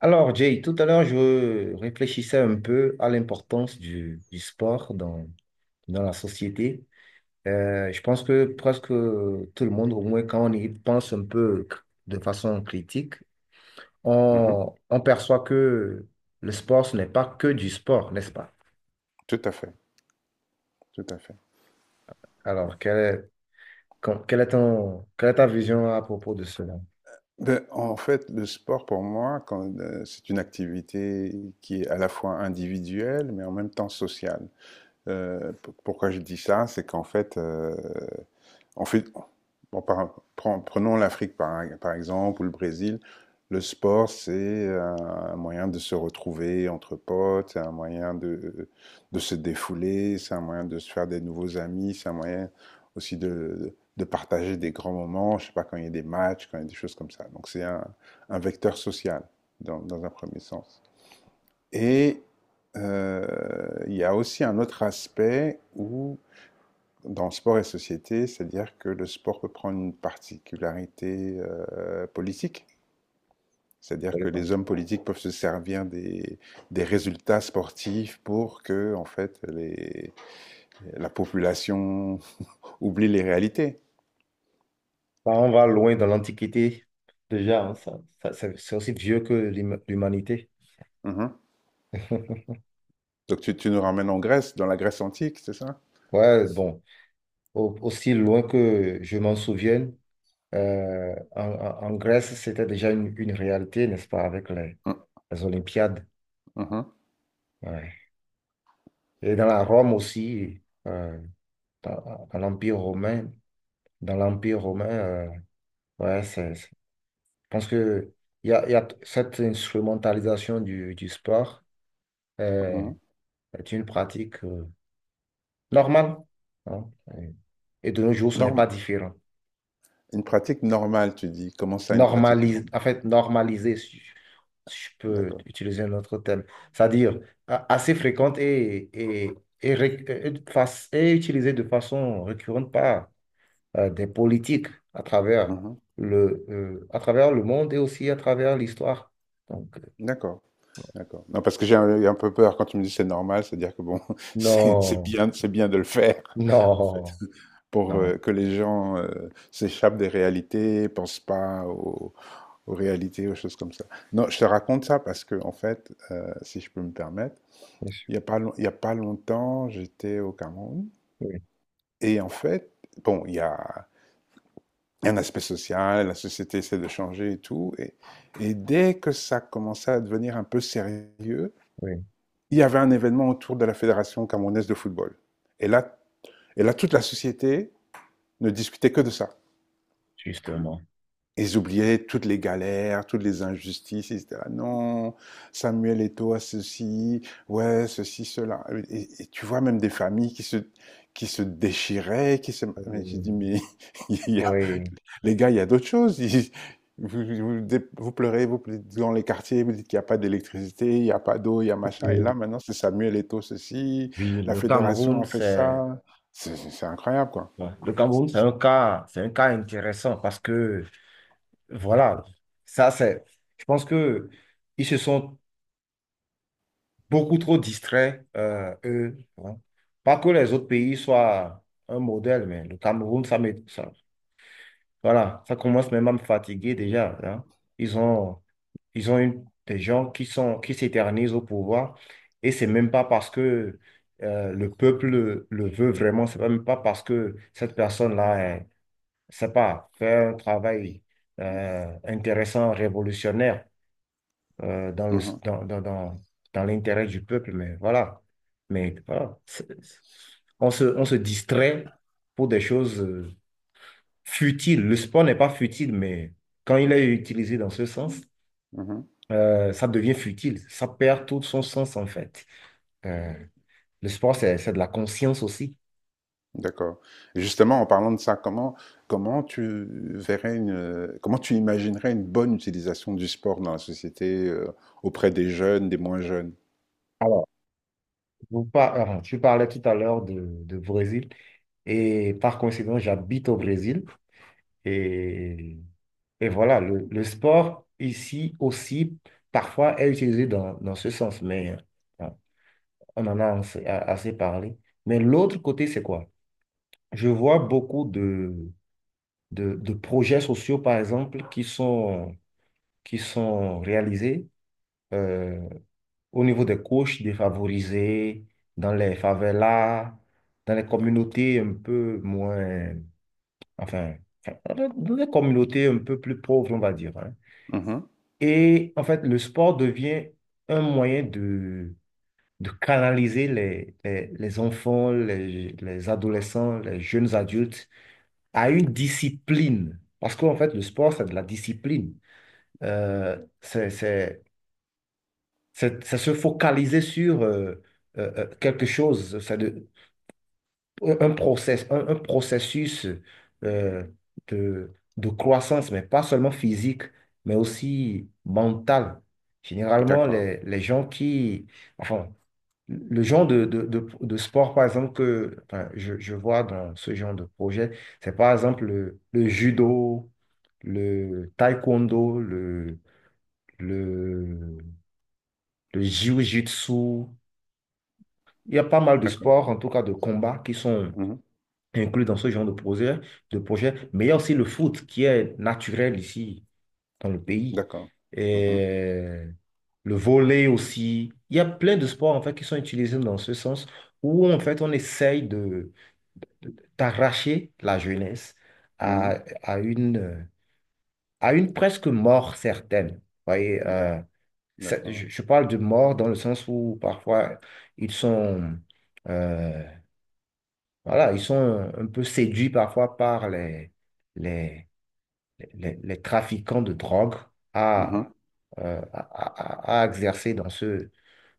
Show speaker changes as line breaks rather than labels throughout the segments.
Alors, Jay, tout à l'heure, je réfléchissais un peu à l'importance du sport dans la société. Je pense que presque tout le monde, au moins quand on y pense un peu de façon critique,
Mhm.
on perçoit que le sport, ce n'est pas que du sport, n'est-ce pas?
Tout à fait, tout à fait.
Alors, quelle est quelle est ta vision à propos de cela?
En fait, le sport pour moi, c'est une activité qui est à la fois individuelle, mais en même temps sociale. Euh, pourquoi je dis ça? C'est qu'en fait, en fait bon, par- prenons l'Afrique par exemple ou le Brésil. Le sport, c'est un moyen de se retrouver entre potes, c'est un moyen de se défouler, c'est un moyen de se faire des nouveaux amis, c'est un moyen aussi de partager des grands moments, je ne sais pas, quand il y a des matchs, quand il y a des choses comme ça. Donc c'est un vecteur social dans un premier sens. Et il y a aussi un autre aspect où, dans sport et société, c'est-à-dire que le sport peut prendre une particularité politique. C'est-à-dire que
Absolument.
les hommes politiques peuvent se servir des résultats sportifs pour que, en fait, la population oublie les réalités.
Bah, on va loin dans l'Antiquité, déjà, hein, c'est aussi vieux que l'humanité.
Mhm. Donc tu nous ramènes en Grèce, dans la Grèce antique, c'est ça?
Ouais, bon. Aussi loin que je m'en souvienne, en Grèce, c'était déjà une réalité, n'est-ce pas, avec
Mm,
les Olympiades.
mhm,
Ouais. Et dans la Rome aussi, euh, dans l'Empire romain, dans l'Empire romain, euh, ouais, c'est, c'est- je pense que il y a, cette instrumentalisation du sport euh,
mhm.
est une pratique normale. Hein. Et de nos jours, ce n'est pas
Norm-
différent.
une pratique normale, tu dis. Comment ça, une pratique
Normaliser,
normale?
en fait, normaliser, si si je peux
D'accord.
utiliser un autre terme, c'est-à-dire assez fréquente et et utilisée de façon récurrente par des politiques à travers
Mmh.
à travers le monde et aussi à travers l'histoire. Donc, euh,
D'accord, d'accord. Non, parce que j'ai un peu peur quand tu me dis: «C'est normal», c'est-à-dire que bon, c'est
non,
bien de le faire, en fait,
non,
pour,
non.
que les gens, s'échappent des réalités, pensent pas aux réalités, aux choses comme ça. Non, je te raconte ça parce que en fait, si je peux me permettre,
Oui,
il y a pas long il y a pas longtemps, j'étais au Cameroun.
oui,
Et en fait, bon, il y a un aspect social, la société essaie de changer et tout. Et dès que ça commençait à devenir un peu sérieux,
oui,
il y avait un événement autour de la Fédération camerounaise de football. Et là, et là toute la société ne discutait que de ça.
justement.
Ils oubliaient toutes les galères, toutes les injustices. Ils disaient ah non, Samuel Eto'o a ceci, ouais, ceci, cela. Et tu vois même des familles qui se déchiraient, qui se. Mais je dis
Euh,
mais il y a
oui,
les gars, il y a d'autres choses. Vous, vous- Vous pleurez, vous dites dans les quartiers, vous dites qu'il n'y a pas d'électricité, il n'y a pas d'eau, il y a machin. Et là,
oui,
maintenant, c'est Samuel Eto'o ceci,
oui,
la
le
fédération
Cameroun,
a fait
c'est...
ça. C'est incroyable, quoi.
Ouais. Le Cameroun, c'est un cas intéressant parce que, voilà, ça c'est, je pense que ils se sont beaucoup trop distraits, eux. Hein. Pas que les autres pays soient un modèle, mais le Cameroun, voilà, ça commence même à me fatiguer déjà. Hein. Ils ont, ils ont des gens qui sont, qui s'éternisent au pouvoir et c'est même pas parce que le peuple le veut vraiment, c'est même pas parce que cette personne-là c'est pas, faire un travail intéressant, révolutionnaire dans le,
Mhm,
dans, dans, dans, dans l'intérêt du peuple, mais voilà. Mais voilà, on se distrait pour des choses futiles. Le sport n'est pas futile, mais quand il est utilisé dans ce sens,
mhm.
ça devient futile. Ça perd tout son sens, en fait. Euh, Le sport, c'est de la conscience aussi.
D'accord. Et justement, en parlant de ça, comment tu verrais une, comment tu imaginerais une bonne utilisation du sport dans la société, auprès des jeunes, des moins jeunes?
Alors, tu parlais tout à l'heure de Brésil et par coïncidence, j'habite au Brésil et, et voilà, le sport ici aussi parfois est utilisé dans ce sens, mais on en a assez parlé. Mais l'autre côté, c'est quoi? Je vois beaucoup de projets sociaux, par exemple, qui sont réalisés euh, au niveau des couches défavorisées, dans les favelas, dans les communautés un peu moins... Enfin, enfin, dans les communautés un peu plus pauvres, on va dire. Hein.
Mhm.
Et en fait, le sport devient un moyen de canaliser les enfants, les adolescents, les jeunes adultes à une discipline. Parce qu'en fait, le sport, c'est de la discipline. Euh, c'est, c'est, c'est se focaliser sur quelque chose, c'est un processus euh, de croissance, mais pas seulement physique, mais aussi mentale. Généralement,
D'accord,
les gens qui, enfin, le genre de sport, par exemple, que je vois dans ce genre de projet, c'est par exemple le judo, le taekwondo, le, le jiu-jitsu. Il y a pas mal de
d'accord,
sports, en tout cas de combats, qui sont
Mhm,
inclus dans ce genre de projet, de projet. Mais il y a aussi le foot qui est naturel ici, dans le pays.
d'accord, Mhm.
Et le volley aussi. Il y a plein de sports, en fait, qui sont utilisés dans ce sens où, en fait, on essaye de t'arracher la jeunesse à,
Mhm.
à une, à une presque mort certaine. Vous voyez,
D'ac- d'accord.
je parle de mort dans le sens où parfois ils sont, euh, voilà, ils sont un peu séduits parfois par les, les trafiquants de drogue à,
Mhm.
à exercer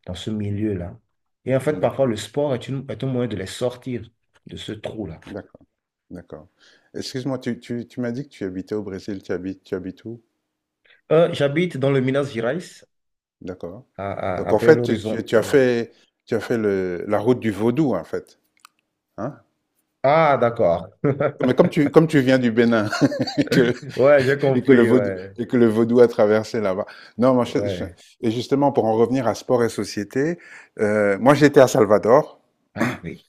dans ce milieu-là. Et en fait, parfois, le
D'accord,
sport est un moyen de les sortir de ce trou-là.
d'accord, d'accord. Excuse-moi, tu m'as dit que tu habitais au Brésil, tu habites où?
J'habite dans le Minas Gerais.
D'accord.
À
Donc en fait,
Belo Horizonte.
tu as
Ouais.
fait, tu as fait la route du vaudou, en fait. Hein?
Ah, d'accord.
Mais comme tu viens du Bénin et que,
Ouais, j'ai compris, ouais.
et que le vaudou a traversé là-bas. Non,
Ouais.
et justement, pour en revenir à sport et société, moi j'étais à Salvador.
Ah oui,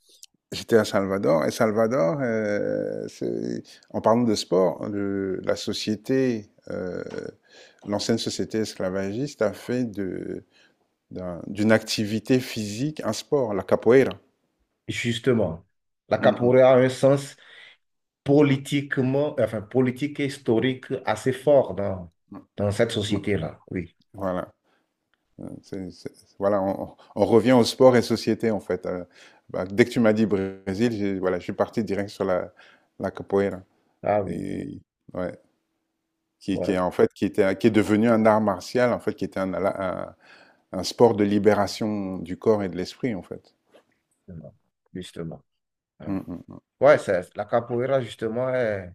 J'étais à Salvador. En parlant de sport, la société. L'ancienne société esclavagiste a fait de d'une activité physique un sport, la capoeira.
justement, la
Mmh
capoeira a un sens politiquement, enfin politique et historique assez fort dans cette
mh. Ouais.
société-là, oui.
Voilà. C'est Voilà, on revient au sport et société, en fait, bah, dès que tu m'as dit Brésil, j'ai voilà, je suis parti direct sur la capoeira.
Ah oui,
Et ouais, qui est,
ouais,
en fait, qui est devenu un art martial, en fait, qui était un un sport de libération du corps et de l'esprit, en fait.
justement. Justement. Hein.
Mmh mh.
Ouais, c'est- la capoeira, justement, est,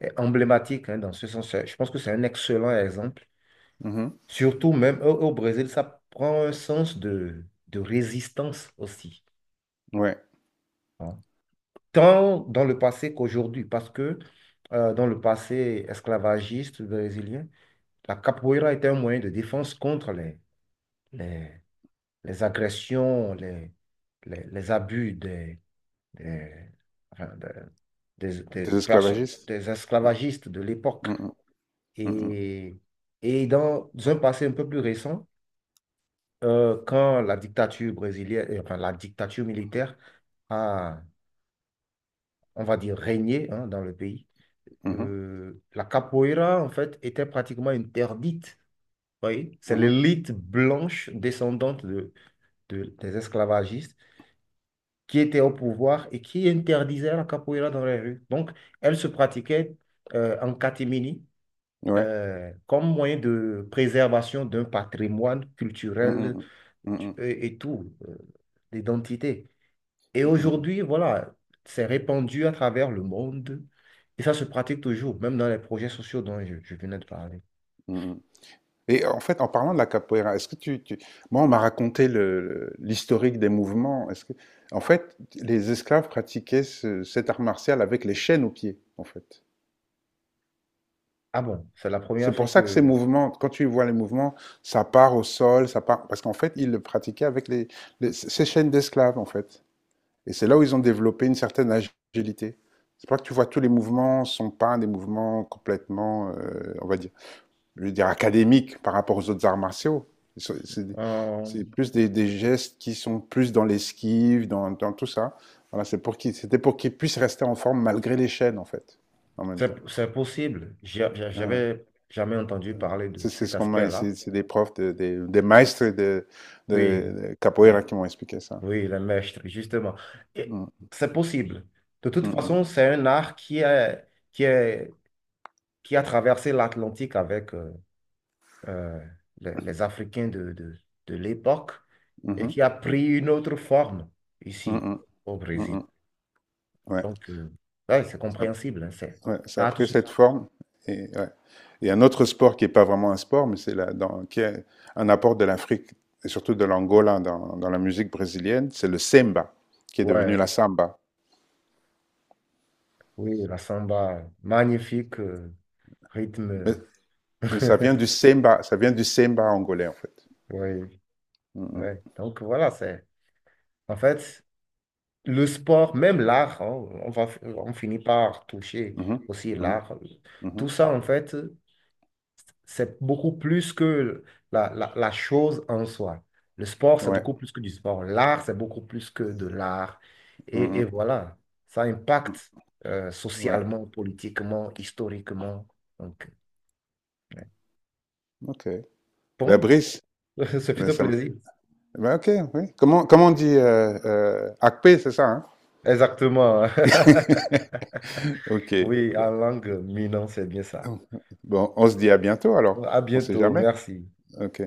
est emblématique, hein, dans ce sens. Je pense que c'est un excellent exemple.
Mmh
Surtout même au Brésil, ça prend un sens de résistance aussi.
mh. Ouais,
Hein. Tant dans le passé qu'aujourd'hui, parce que dans le passé esclavagiste brésilien, la capoeira était un moyen de défense contre les, les agressions, les abus des, enfin, de-
des esclavagistes.
des esclavagistes de l'époque.
Mmh mh. Mmh mh.
Et, et dans un passé un peu plus récent, quand la dictature brésilienne, enfin, la dictature militaire a, on va dire, régné, hein, dans le pays,
Mmh mh.
la capoeira, en fait, était pratiquement interdite. Vous voyez, c'est
Mmh.
l'élite blanche descendante des esclavagistes qui était au pouvoir et qui interdisait la capoeira dans les rues. Donc, elle se pratiquait en catimini,
Ouais.
comme moyen de préservation d'un patrimoine
Mmh, mmh,
culturel
mmh. Mmh, mmh,
et l'identité. Et
mmh, mmh,
aujourd'hui, voilà, c'est répandu à travers le monde. Et ça se pratique toujours, même dans les projets sociaux dont je venais de parler.
mmh. Mmh, mmh. Et en fait, en parlant de la capoeira, est-ce que tu- Moi, on m'a raconté l'historique des mouvements. Est-ce que... En fait, les esclaves pratiquaient cet art martial avec les chaînes aux pieds, en fait.
Ah bon, c'est la
C'est
première fois
pour ça que ces
que
mouvements, quand tu vois les mouvements, ça part au sol, ça part... Parce qu'en fait, ils le pratiquaient avec ces chaînes d'esclaves, en fait. Et c'est là où ils ont développé une certaine agilité. C'est pour ça que tu vois tous les mouvements sont pas des mouvements complètement, on va dire, je veux dire, académiques par rapport aux autres arts martiaux. C'est c'est-
euh,
c'est plus des gestes qui sont plus dans l'esquive, dans tout ça. Voilà, c'était pour qu'ils puissent rester en forme malgré les chaînes, en fait, en même temps.
c'est c'est possible.
Voilà.
J'avais jamais entendu parler de
C'est
cet
Ce qu'on m'a,
aspect-là.
c'est des profs, des maîtres
Oui,
de
mais
capoeira qui m'ont expliqué ça.
oui, le mestre, justement. Et
Mm.
c'est possible. De toute
Mm,
façon,
mm.
c'est un art qui est, qui a traversé l'Atlantique avec euh, les Africains de l'époque et
Mhm.
qui a pris une autre forme
Mm,
ici
mm.
au
Mm,
Brésil.
mm. Ouais.
Donc, euh, ouais, c'est compréhensible, hein,
Ouais, ça
ça
a
a tout
pris
son
cette
sens.
forme. Et, ouais. Et un autre sport qui n'est pas vraiment un sport, mais qui est un apport de l'Afrique, et surtout de l'Angola dans, dans la musique brésilienne, c'est le semba, qui est devenu la
Ouais.
samba.
Oui, la samba, magnifique
Mais,
rythme.
mais ça vient du semba, ça vient du semba angolais, en fait.
Oui,
Mhm,
ouais. Donc voilà, c'est en fait le sport, même l'art, hein, on finit par toucher
mhm,
aussi
mhm,
l'art. Tout
mhm.
ça, en fait, c'est beaucoup plus que la chose en soi. Le sport, c'est
Ouais,
beaucoup plus que du sport. L'art, c'est beaucoup plus que de l'art. Et
mhm,
voilà, ça impacte
ouais,
socialement, politiquement, historiquement. Donc,
ok. Ben,
bon,
Brice,
ce fut
ben,
un
ça m-
plaisir.
ben, ok, oui. Comment on dit Akpé, c'est ça, hein?
Exactement.
Ok.
Oui, en
Bon,
langue minant, c'est bien ça.
bon, on se dit à bientôt alors.
À
On sait
bientôt,
jamais.
merci.
Ok.